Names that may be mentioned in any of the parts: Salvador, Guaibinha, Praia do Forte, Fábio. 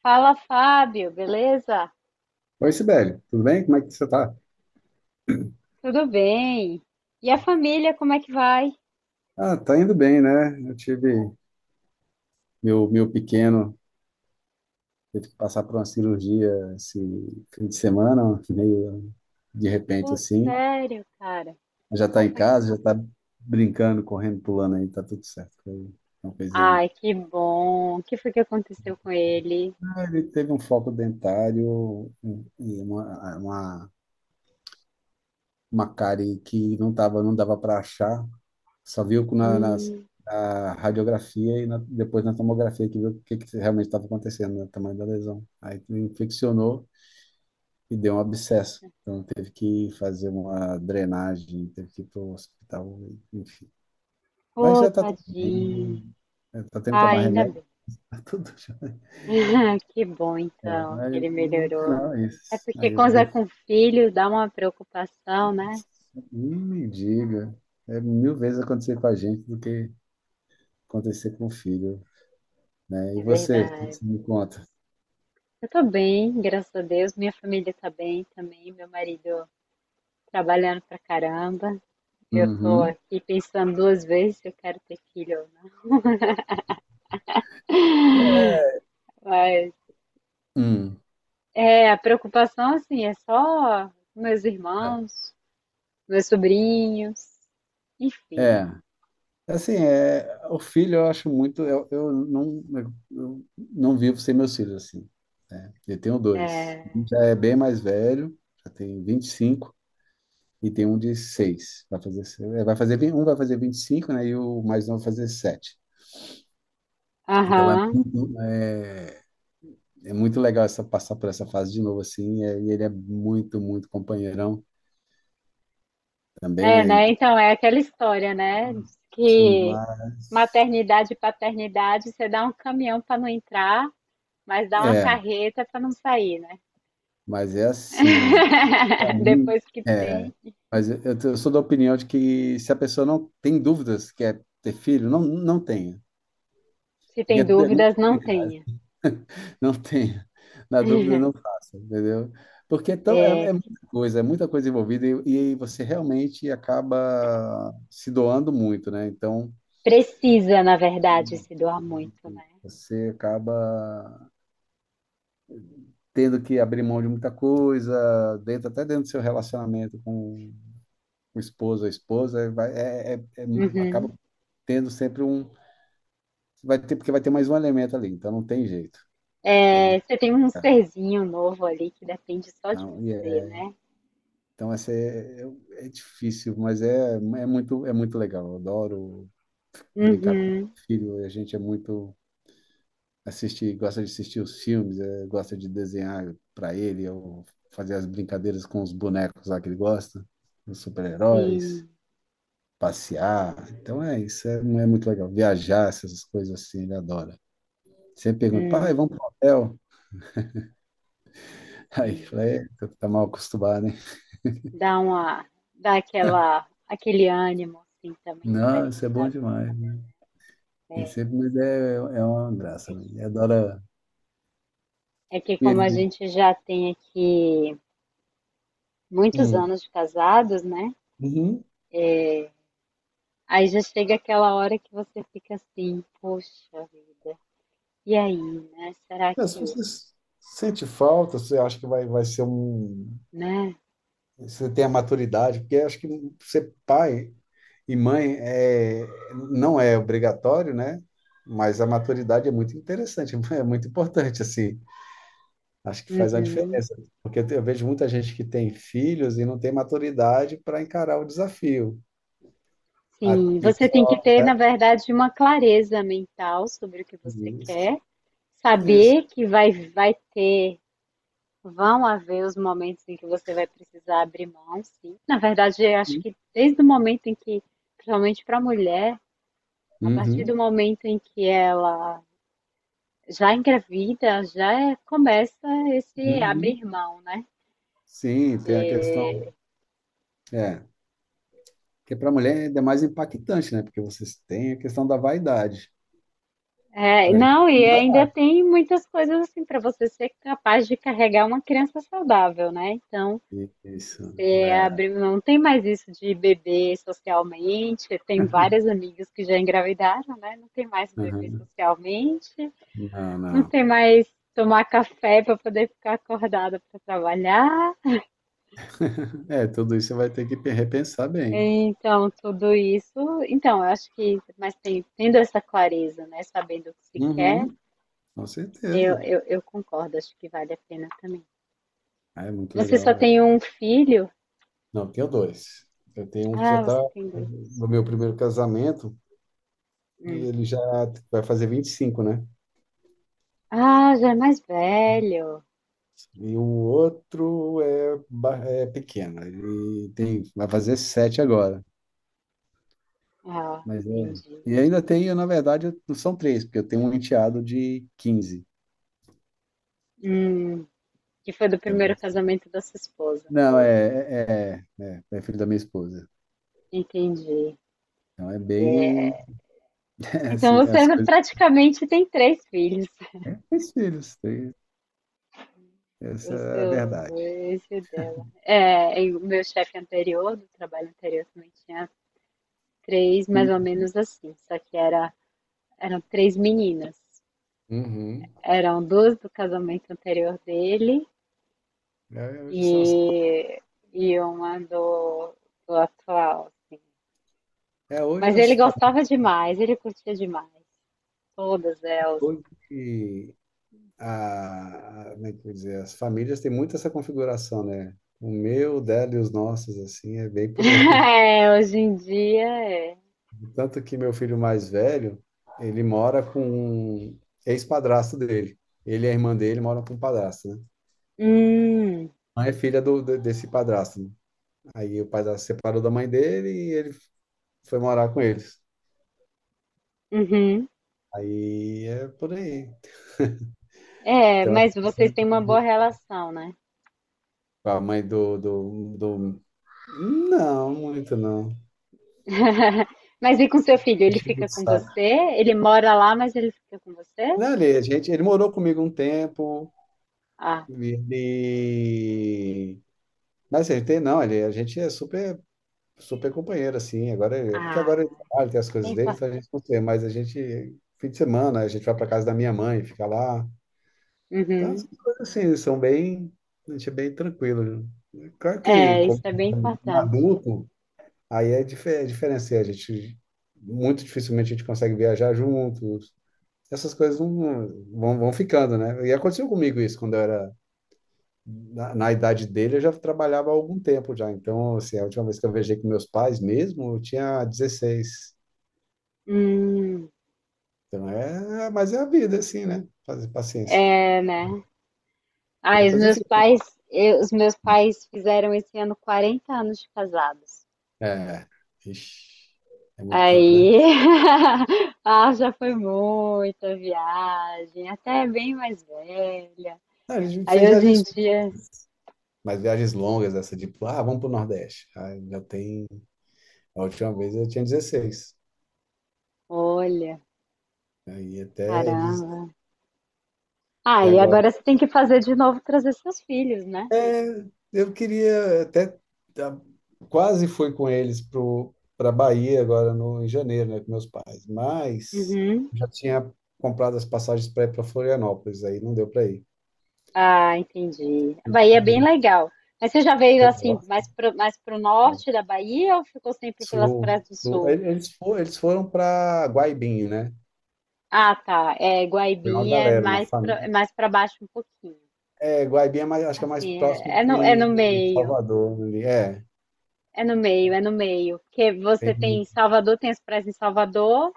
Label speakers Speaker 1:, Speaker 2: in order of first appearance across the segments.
Speaker 1: Fala, Fábio, beleza?
Speaker 2: Oi, Sibeli, tudo bem? Como é que você tá?
Speaker 1: Tudo bem? E a família, como é que vai?
Speaker 2: Ah, tá indo bem, né? Eu tive meu pequeno, teve que passar por uma cirurgia esse fim de semana, meio de repente
Speaker 1: Pô,
Speaker 2: assim.
Speaker 1: sério, cara.
Speaker 2: Já
Speaker 1: Qual
Speaker 2: tá em
Speaker 1: foi que
Speaker 2: casa, já
Speaker 1: aconteceu?
Speaker 2: tá brincando, correndo, pulando aí, tá tudo certo. Foi uma coisinha.
Speaker 1: Ai, que bom. O que foi que aconteceu com ele?
Speaker 2: Ah, ele teve um foco dentário e uma cárie que não tava, não dava para achar. Só viu
Speaker 1: Hum,
Speaker 2: na radiografia e depois na tomografia que viu que realmente estava acontecendo, né, o tamanho da lesão. Aí infeccionou e deu um abscesso. Então teve que fazer uma drenagem, teve que ir para o hospital, enfim. Mas já
Speaker 1: pô,
Speaker 2: está tudo
Speaker 1: tadinho.
Speaker 2: bem. Está tendo que
Speaker 1: Ai,
Speaker 2: tomar
Speaker 1: ainda
Speaker 2: remédio,
Speaker 1: bem.
Speaker 2: tá tudo já.
Speaker 1: Que bom, então,
Speaker 2: Mas
Speaker 1: que ele
Speaker 2: no
Speaker 1: melhorou.
Speaker 2: final é isso.
Speaker 1: É porque
Speaker 2: Aí eu,
Speaker 1: quando é
Speaker 2: eu
Speaker 1: com filho dá uma preocupação, né?
Speaker 2: nem me diga. É mil vezes acontecer com a gente do que acontecer com o filho, né? E
Speaker 1: É
Speaker 2: você, o que
Speaker 1: verdade.
Speaker 2: você me conta?
Speaker 1: Eu tô bem, graças a Deus. Minha família tá bem também. Meu marido trabalhando pra caramba. Eu tô
Speaker 2: Uhum.
Speaker 1: aqui pensando duas vezes se eu quero ter filho ou não. Mas
Speaker 2: Hum.
Speaker 1: é, a preocupação assim é só meus
Speaker 2: Né?
Speaker 1: irmãos, meus sobrinhos, enfim.
Speaker 2: É, assim, o filho eu acho muito, eu não vivo sem meus filhos, assim, né? Eu tenho dois,
Speaker 1: É,
Speaker 2: um já é bem mais velho, já tem 25, e tem um de seis. Vai fazer, um vai fazer 25, né, e o mais novo vai fazer sete. Então
Speaker 1: aham.
Speaker 2: é muito legal essa, passar por essa fase de novo, assim, e ele é muito, muito companheirão também,
Speaker 1: É,
Speaker 2: né,
Speaker 1: né?
Speaker 2: e
Speaker 1: Então é aquela história, né? Diz
Speaker 2: isso,
Speaker 1: que
Speaker 2: mas
Speaker 1: maternidade e paternidade, você dá um caminhão para não entrar, mas dá uma
Speaker 2: é,
Speaker 1: carreta para não sair, né?
Speaker 2: mas é assim. Pra mim,
Speaker 1: Depois que tem,
Speaker 2: é, mas eu sou da opinião de que se a pessoa não tem dúvidas que é ter filho, não, não tenha.
Speaker 1: se
Speaker 2: Porque
Speaker 1: tem
Speaker 2: é muito
Speaker 1: dúvidas, não
Speaker 2: complicado.
Speaker 1: tenha.
Speaker 2: Não tenha. Na dúvida, não faça, entendeu? Porque é muita coisa, é muita coisa envolvida, e você realmente acaba se doando muito, né? Então,
Speaker 1: Precisa, na verdade, se doar muito, né?
Speaker 2: você acaba tendo que abrir mão de muita coisa, dentro, até dentro do seu relacionamento com o esposo, a esposa, vai, é, é, é- acaba
Speaker 1: Uhum.
Speaker 2: tendo sempre um. Vai ter, porque vai ter mais um elemento ali, então não tem jeito. É
Speaker 1: É,
Speaker 2: muito
Speaker 1: você tem um
Speaker 2: caro.
Speaker 1: serzinho novo ali que depende só de
Speaker 2: Então,
Speaker 1: você, né?
Speaker 2: então essa é difícil, mas é muito legal. Eu adoro brincar com o
Speaker 1: Uhum.
Speaker 2: filho. A gente é muito assistir, gosta de assistir os filmes, gosta de desenhar para ele, eu fazer as brincadeiras com os bonecos lá que ele gosta, os super-heróis,
Speaker 1: Sim.
Speaker 2: passear. Então é isso, é muito legal. Viajar, essas coisas assim, ele adora. Sempre pergunta: pai,
Speaker 1: Hum,
Speaker 2: vamos pro hotel? Aí
Speaker 1: sim.
Speaker 2: falei: "É, tu tá mal acostumado, hein?"
Speaker 1: Dá uma, dá aquela, aquele ânimo, assim, também
Speaker 2: Não, isso
Speaker 1: diferente
Speaker 2: é
Speaker 1: na
Speaker 2: bom
Speaker 1: vida.
Speaker 2: demais. E sempre, mas é uma
Speaker 1: É
Speaker 2: graça, né?
Speaker 1: que,
Speaker 2: Ele adora.
Speaker 1: é que
Speaker 2: E
Speaker 1: como a
Speaker 2: ele.
Speaker 1: gente já tem aqui muitos
Speaker 2: Hum.
Speaker 1: anos de casados, né?
Speaker 2: Uhum.
Speaker 1: Aí já chega aquela hora que você fica assim, poxa vida, e aí, né? Será
Speaker 2: É, se
Speaker 1: que,
Speaker 2: você sente falta, você acha que vai ser um.
Speaker 1: né?
Speaker 2: Você tem a maturidade, porque acho que ser pai e mãe não é obrigatório, né? Mas a maturidade é muito interessante, é muito importante, assim. Acho que faz a
Speaker 1: Uhum.
Speaker 2: diferença. Porque eu vejo muita gente que tem filhos e não tem maturidade para encarar o desafio.
Speaker 1: Sim,
Speaker 2: E
Speaker 1: você tem que ter, na
Speaker 2: é,
Speaker 1: verdade, uma clareza mental sobre o que você quer,
Speaker 2: isso, isso.
Speaker 1: saber que vai, vai ter, vão haver os momentos em que você vai precisar abrir mão, sim. Na verdade, eu acho que desde o momento em que, principalmente para a mulher, a partir do
Speaker 2: Uhum,
Speaker 1: momento em que ela já engravida, começa esse
Speaker 2: uhum.
Speaker 1: abrir mão, né?
Speaker 2: Sim, tem a questão.
Speaker 1: E-
Speaker 2: É, porque para a mulher é ainda mais impactante, né? Porque vocês têm a questão da vaidade.
Speaker 1: é,
Speaker 2: Para a gente
Speaker 1: não, e
Speaker 2: não dá
Speaker 1: ainda
Speaker 2: nada.
Speaker 1: tem muitas coisas assim para você ser capaz de carregar uma criança saudável, né? Então,
Speaker 2: Isso,
Speaker 1: é,
Speaker 2: é.
Speaker 1: abriu, não tem mais isso de beber socialmente. Tem várias amigas que já engravidaram, né? Não tem mais beber
Speaker 2: Uhum.
Speaker 1: socialmente.
Speaker 2: Não,
Speaker 1: Não
Speaker 2: não.
Speaker 1: tem mais tomar café para poder ficar acordada para trabalhar.
Speaker 2: É, tudo isso você vai ter que repensar bem.
Speaker 1: Então, tudo isso. Então, eu acho que, tendo essa clareza, né? Sabendo o que se quer,
Speaker 2: Uhum, com
Speaker 1: eu,
Speaker 2: certeza.
Speaker 1: eu, eu concordo, acho que vale a pena também.
Speaker 2: Ah, é muito
Speaker 1: Você só
Speaker 2: legal. É.
Speaker 1: tem um filho?
Speaker 2: Não, eu tenho dois. Eu tenho um que já
Speaker 1: Ah,
Speaker 2: está
Speaker 1: você tem dois.
Speaker 2: no meu primeiro casamento e ele já vai fazer 25, né?
Speaker 1: Ah, já é mais velho.
Speaker 2: E o outro é pequeno. Ele tem, vai fazer sete agora.
Speaker 1: Ah,
Speaker 2: Mas é.
Speaker 1: entendi.
Speaker 2: E ainda tenho, na verdade, não são três, porque eu tenho um enteado de 15.
Speaker 1: Hum, que foi do
Speaker 2: Então, é
Speaker 1: primeiro
Speaker 2: assim.
Speaker 1: casamento da sua esposa.
Speaker 2: Não, é filho da minha esposa.
Speaker 1: Entendi.
Speaker 2: Então é bem é
Speaker 1: Então
Speaker 2: assim,
Speaker 1: você
Speaker 2: as coisas.
Speaker 1: praticamente tem três filhos,
Speaker 2: Três filhos, três. Essa
Speaker 1: os
Speaker 2: é a
Speaker 1: seus
Speaker 2: verdade.
Speaker 1: dois e o dela. É, e o meu chefe anterior, do trabalho anterior, também tinha três, mais
Speaker 2: Hum.
Speaker 1: ou menos assim, só que era, eram três meninas.
Speaker 2: Uhum.
Speaker 1: Eram duas do casamento anterior dele
Speaker 2: É, hoje
Speaker 1: e,
Speaker 2: são as,
Speaker 1: e uma do, do atual, assim.
Speaker 2: é, hoje
Speaker 1: Mas ele
Speaker 2: as
Speaker 1: gostava demais, ele curtia demais. Todas elas,
Speaker 2: famílias. Como é que eu vou dizer, as famílias têm muito essa configuração, né? O meu, o dela e os nossos, assim, é bem por aí.
Speaker 1: é, hoje em dia é.
Speaker 2: Tanto que meu filho mais velho, ele mora com um ex-padrasto dele. Ele e a irmã dele moram com um padrasto, né?
Speaker 1: Hum,
Speaker 2: Mãe é filha do, desse padrasto, né? Aí o padrasto separou da mãe dele e ele foi morar com eles.
Speaker 1: uhum.
Speaker 2: Aí é por aí.
Speaker 1: É,
Speaker 2: Então, é
Speaker 1: mas
Speaker 2: essas
Speaker 1: vocês
Speaker 2: coisas
Speaker 1: têm
Speaker 2: que eu
Speaker 1: uma boa
Speaker 2: digo.
Speaker 1: relação, né?
Speaker 2: Com a mãe do. Não, muito não.
Speaker 1: Mas e com seu filho? Ele
Speaker 2: Enchendo
Speaker 1: fica
Speaker 2: o
Speaker 1: com
Speaker 2: saco.
Speaker 1: você? Ele mora lá, mas ele fica com você?
Speaker 2: Não, ele, a gente, ele morou comigo um tempo,
Speaker 1: Ah,
Speaker 2: ele... Mas ele tem, não, ele, a gente é super, super companheiro, assim, agora, porque
Speaker 1: ah,
Speaker 2: agora ele trabalha, tem as
Speaker 1: isso é
Speaker 2: coisas dele, então a
Speaker 1: importante.
Speaker 2: gente não tem, mas a gente, fim de semana, a gente vai para casa da minha mãe, fica lá, então
Speaker 1: Uhum.
Speaker 2: essas coisas assim são bem, a gente é bem tranquilo. Claro que,
Speaker 1: É, isso
Speaker 2: como
Speaker 1: é bem
Speaker 2: um
Speaker 1: importante.
Speaker 2: adulto, aí é diferente, assim, a gente, muito dificilmente a gente consegue viajar juntos, essas coisas não, vão ficando, né? E aconteceu comigo isso quando eu era na idade dele, eu já trabalhava há algum tempo já. Então, assim, a última vez que eu viajei com meus pais mesmo, eu tinha 16.
Speaker 1: Hum.
Speaker 2: Então, mas é a vida, assim, né? Fazer paciência.
Speaker 1: Ah, e os
Speaker 2: Depois eu
Speaker 1: meus
Speaker 2: fiz.
Speaker 1: pais, os meus pais fizeram esse ano 40 anos de casados.
Speaker 2: É, ixi, é muito tempo, né?
Speaker 1: Aí, ah, já foi muita viagem, até bem mais velha.
Speaker 2: Não, a gente
Speaker 1: Aí
Speaker 2: fez
Speaker 1: hoje em
Speaker 2: viagens,
Speaker 1: dia,
Speaker 2: mas viagens longas, essa, tipo, ah, vamos pro Nordeste. Aí já tem. A última vez eu tinha 16.
Speaker 1: olha,
Speaker 2: Aí até eles.
Speaker 1: caramba. Ah,
Speaker 2: Até
Speaker 1: e
Speaker 2: agora.
Speaker 1: agora você tem que fazer de novo trazer seus filhos, né?
Speaker 2: É, eu queria até tá, quase fui com eles pro para Bahia agora no em janeiro, né, com meus pais, mas
Speaker 1: Uhum.
Speaker 2: já tinha comprado as passagens para ir para Florianópolis, aí não deu para ir.
Speaker 1: Ah, entendi. A Bahia é bem legal. Mas você já veio
Speaker 2: Eu
Speaker 1: assim,
Speaker 2: gosto,
Speaker 1: mais pro
Speaker 2: cara.
Speaker 1: norte da Bahia ou ficou sempre pelas praias
Speaker 2: Sul,
Speaker 1: do
Speaker 2: sul.
Speaker 1: sul?
Speaker 2: Eles foram para Guaibinho, né?
Speaker 1: Ah, tá. É,
Speaker 2: Foi uma
Speaker 1: Guaibinha é
Speaker 2: galera, uma
Speaker 1: mais
Speaker 2: família.
Speaker 1: pra, é mais para baixo um pouquinho.
Speaker 2: É, Guaibinho é mais, acho que é mais
Speaker 1: Assim,
Speaker 2: próximo
Speaker 1: é é no
Speaker 2: de
Speaker 1: meio.
Speaker 2: Salvador ali. É,
Speaker 1: É no meio, é no meio. Porque você
Speaker 2: tem
Speaker 1: tem Salvador, tem as praias em Salvador,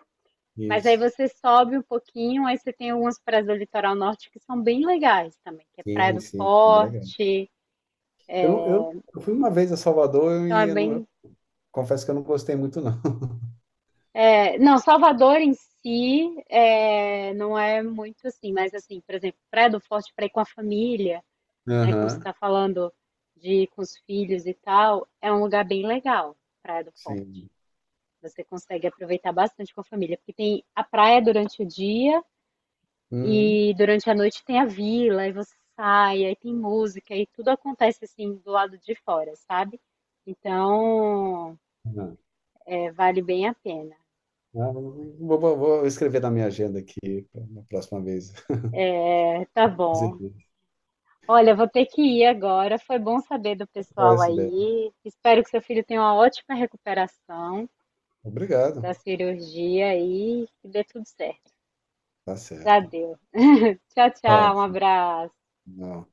Speaker 1: mas aí
Speaker 2: isso.
Speaker 1: você sobe um pouquinho, aí você tem algumas praias do litoral norte que são bem legais também, que é Praia
Speaker 2: Sim,
Speaker 1: do
Speaker 2: sim, foi legal.
Speaker 1: Forte.
Speaker 2: Eu, não- eu fui uma vez a Salvador
Speaker 1: Então é
Speaker 2: e eu não.
Speaker 1: bem.
Speaker 2: Confesso que eu não gostei muito, não.
Speaker 1: É, não, Salvador em si é, não é muito assim, mas assim, por exemplo, Praia do Forte para ir com a família, né, como você
Speaker 2: Aham,
Speaker 1: está falando de ir com os filhos e tal, é um lugar bem legal, Praia do Forte.
Speaker 2: sim.
Speaker 1: Você consegue aproveitar bastante com a família, porque tem a praia durante o dia.
Speaker 2: Uhum.
Speaker 1: E durante a noite tem a vila, aí você sai, aí tem música, e tudo acontece assim do lado de fora, sabe? Então,
Speaker 2: Aham.
Speaker 1: é, vale bem a pena.
Speaker 2: Ah, vou escrever na minha agenda aqui na próxima vez.
Speaker 1: É, tá
Speaker 2: Dizer
Speaker 1: bom.
Speaker 2: isso,
Speaker 1: Olha, vou ter que ir agora. Foi bom saber do
Speaker 2: pra
Speaker 1: pessoal
Speaker 2: essa ideia.
Speaker 1: aí. Espero que seu filho tenha uma ótima recuperação da
Speaker 2: Obrigado.
Speaker 1: cirurgia e que dê tudo certo.
Speaker 2: Tá
Speaker 1: Já
Speaker 2: certo.
Speaker 1: deu. Tchau, tchau. Um
Speaker 2: Ótimo.
Speaker 1: abraço.
Speaker 2: Não.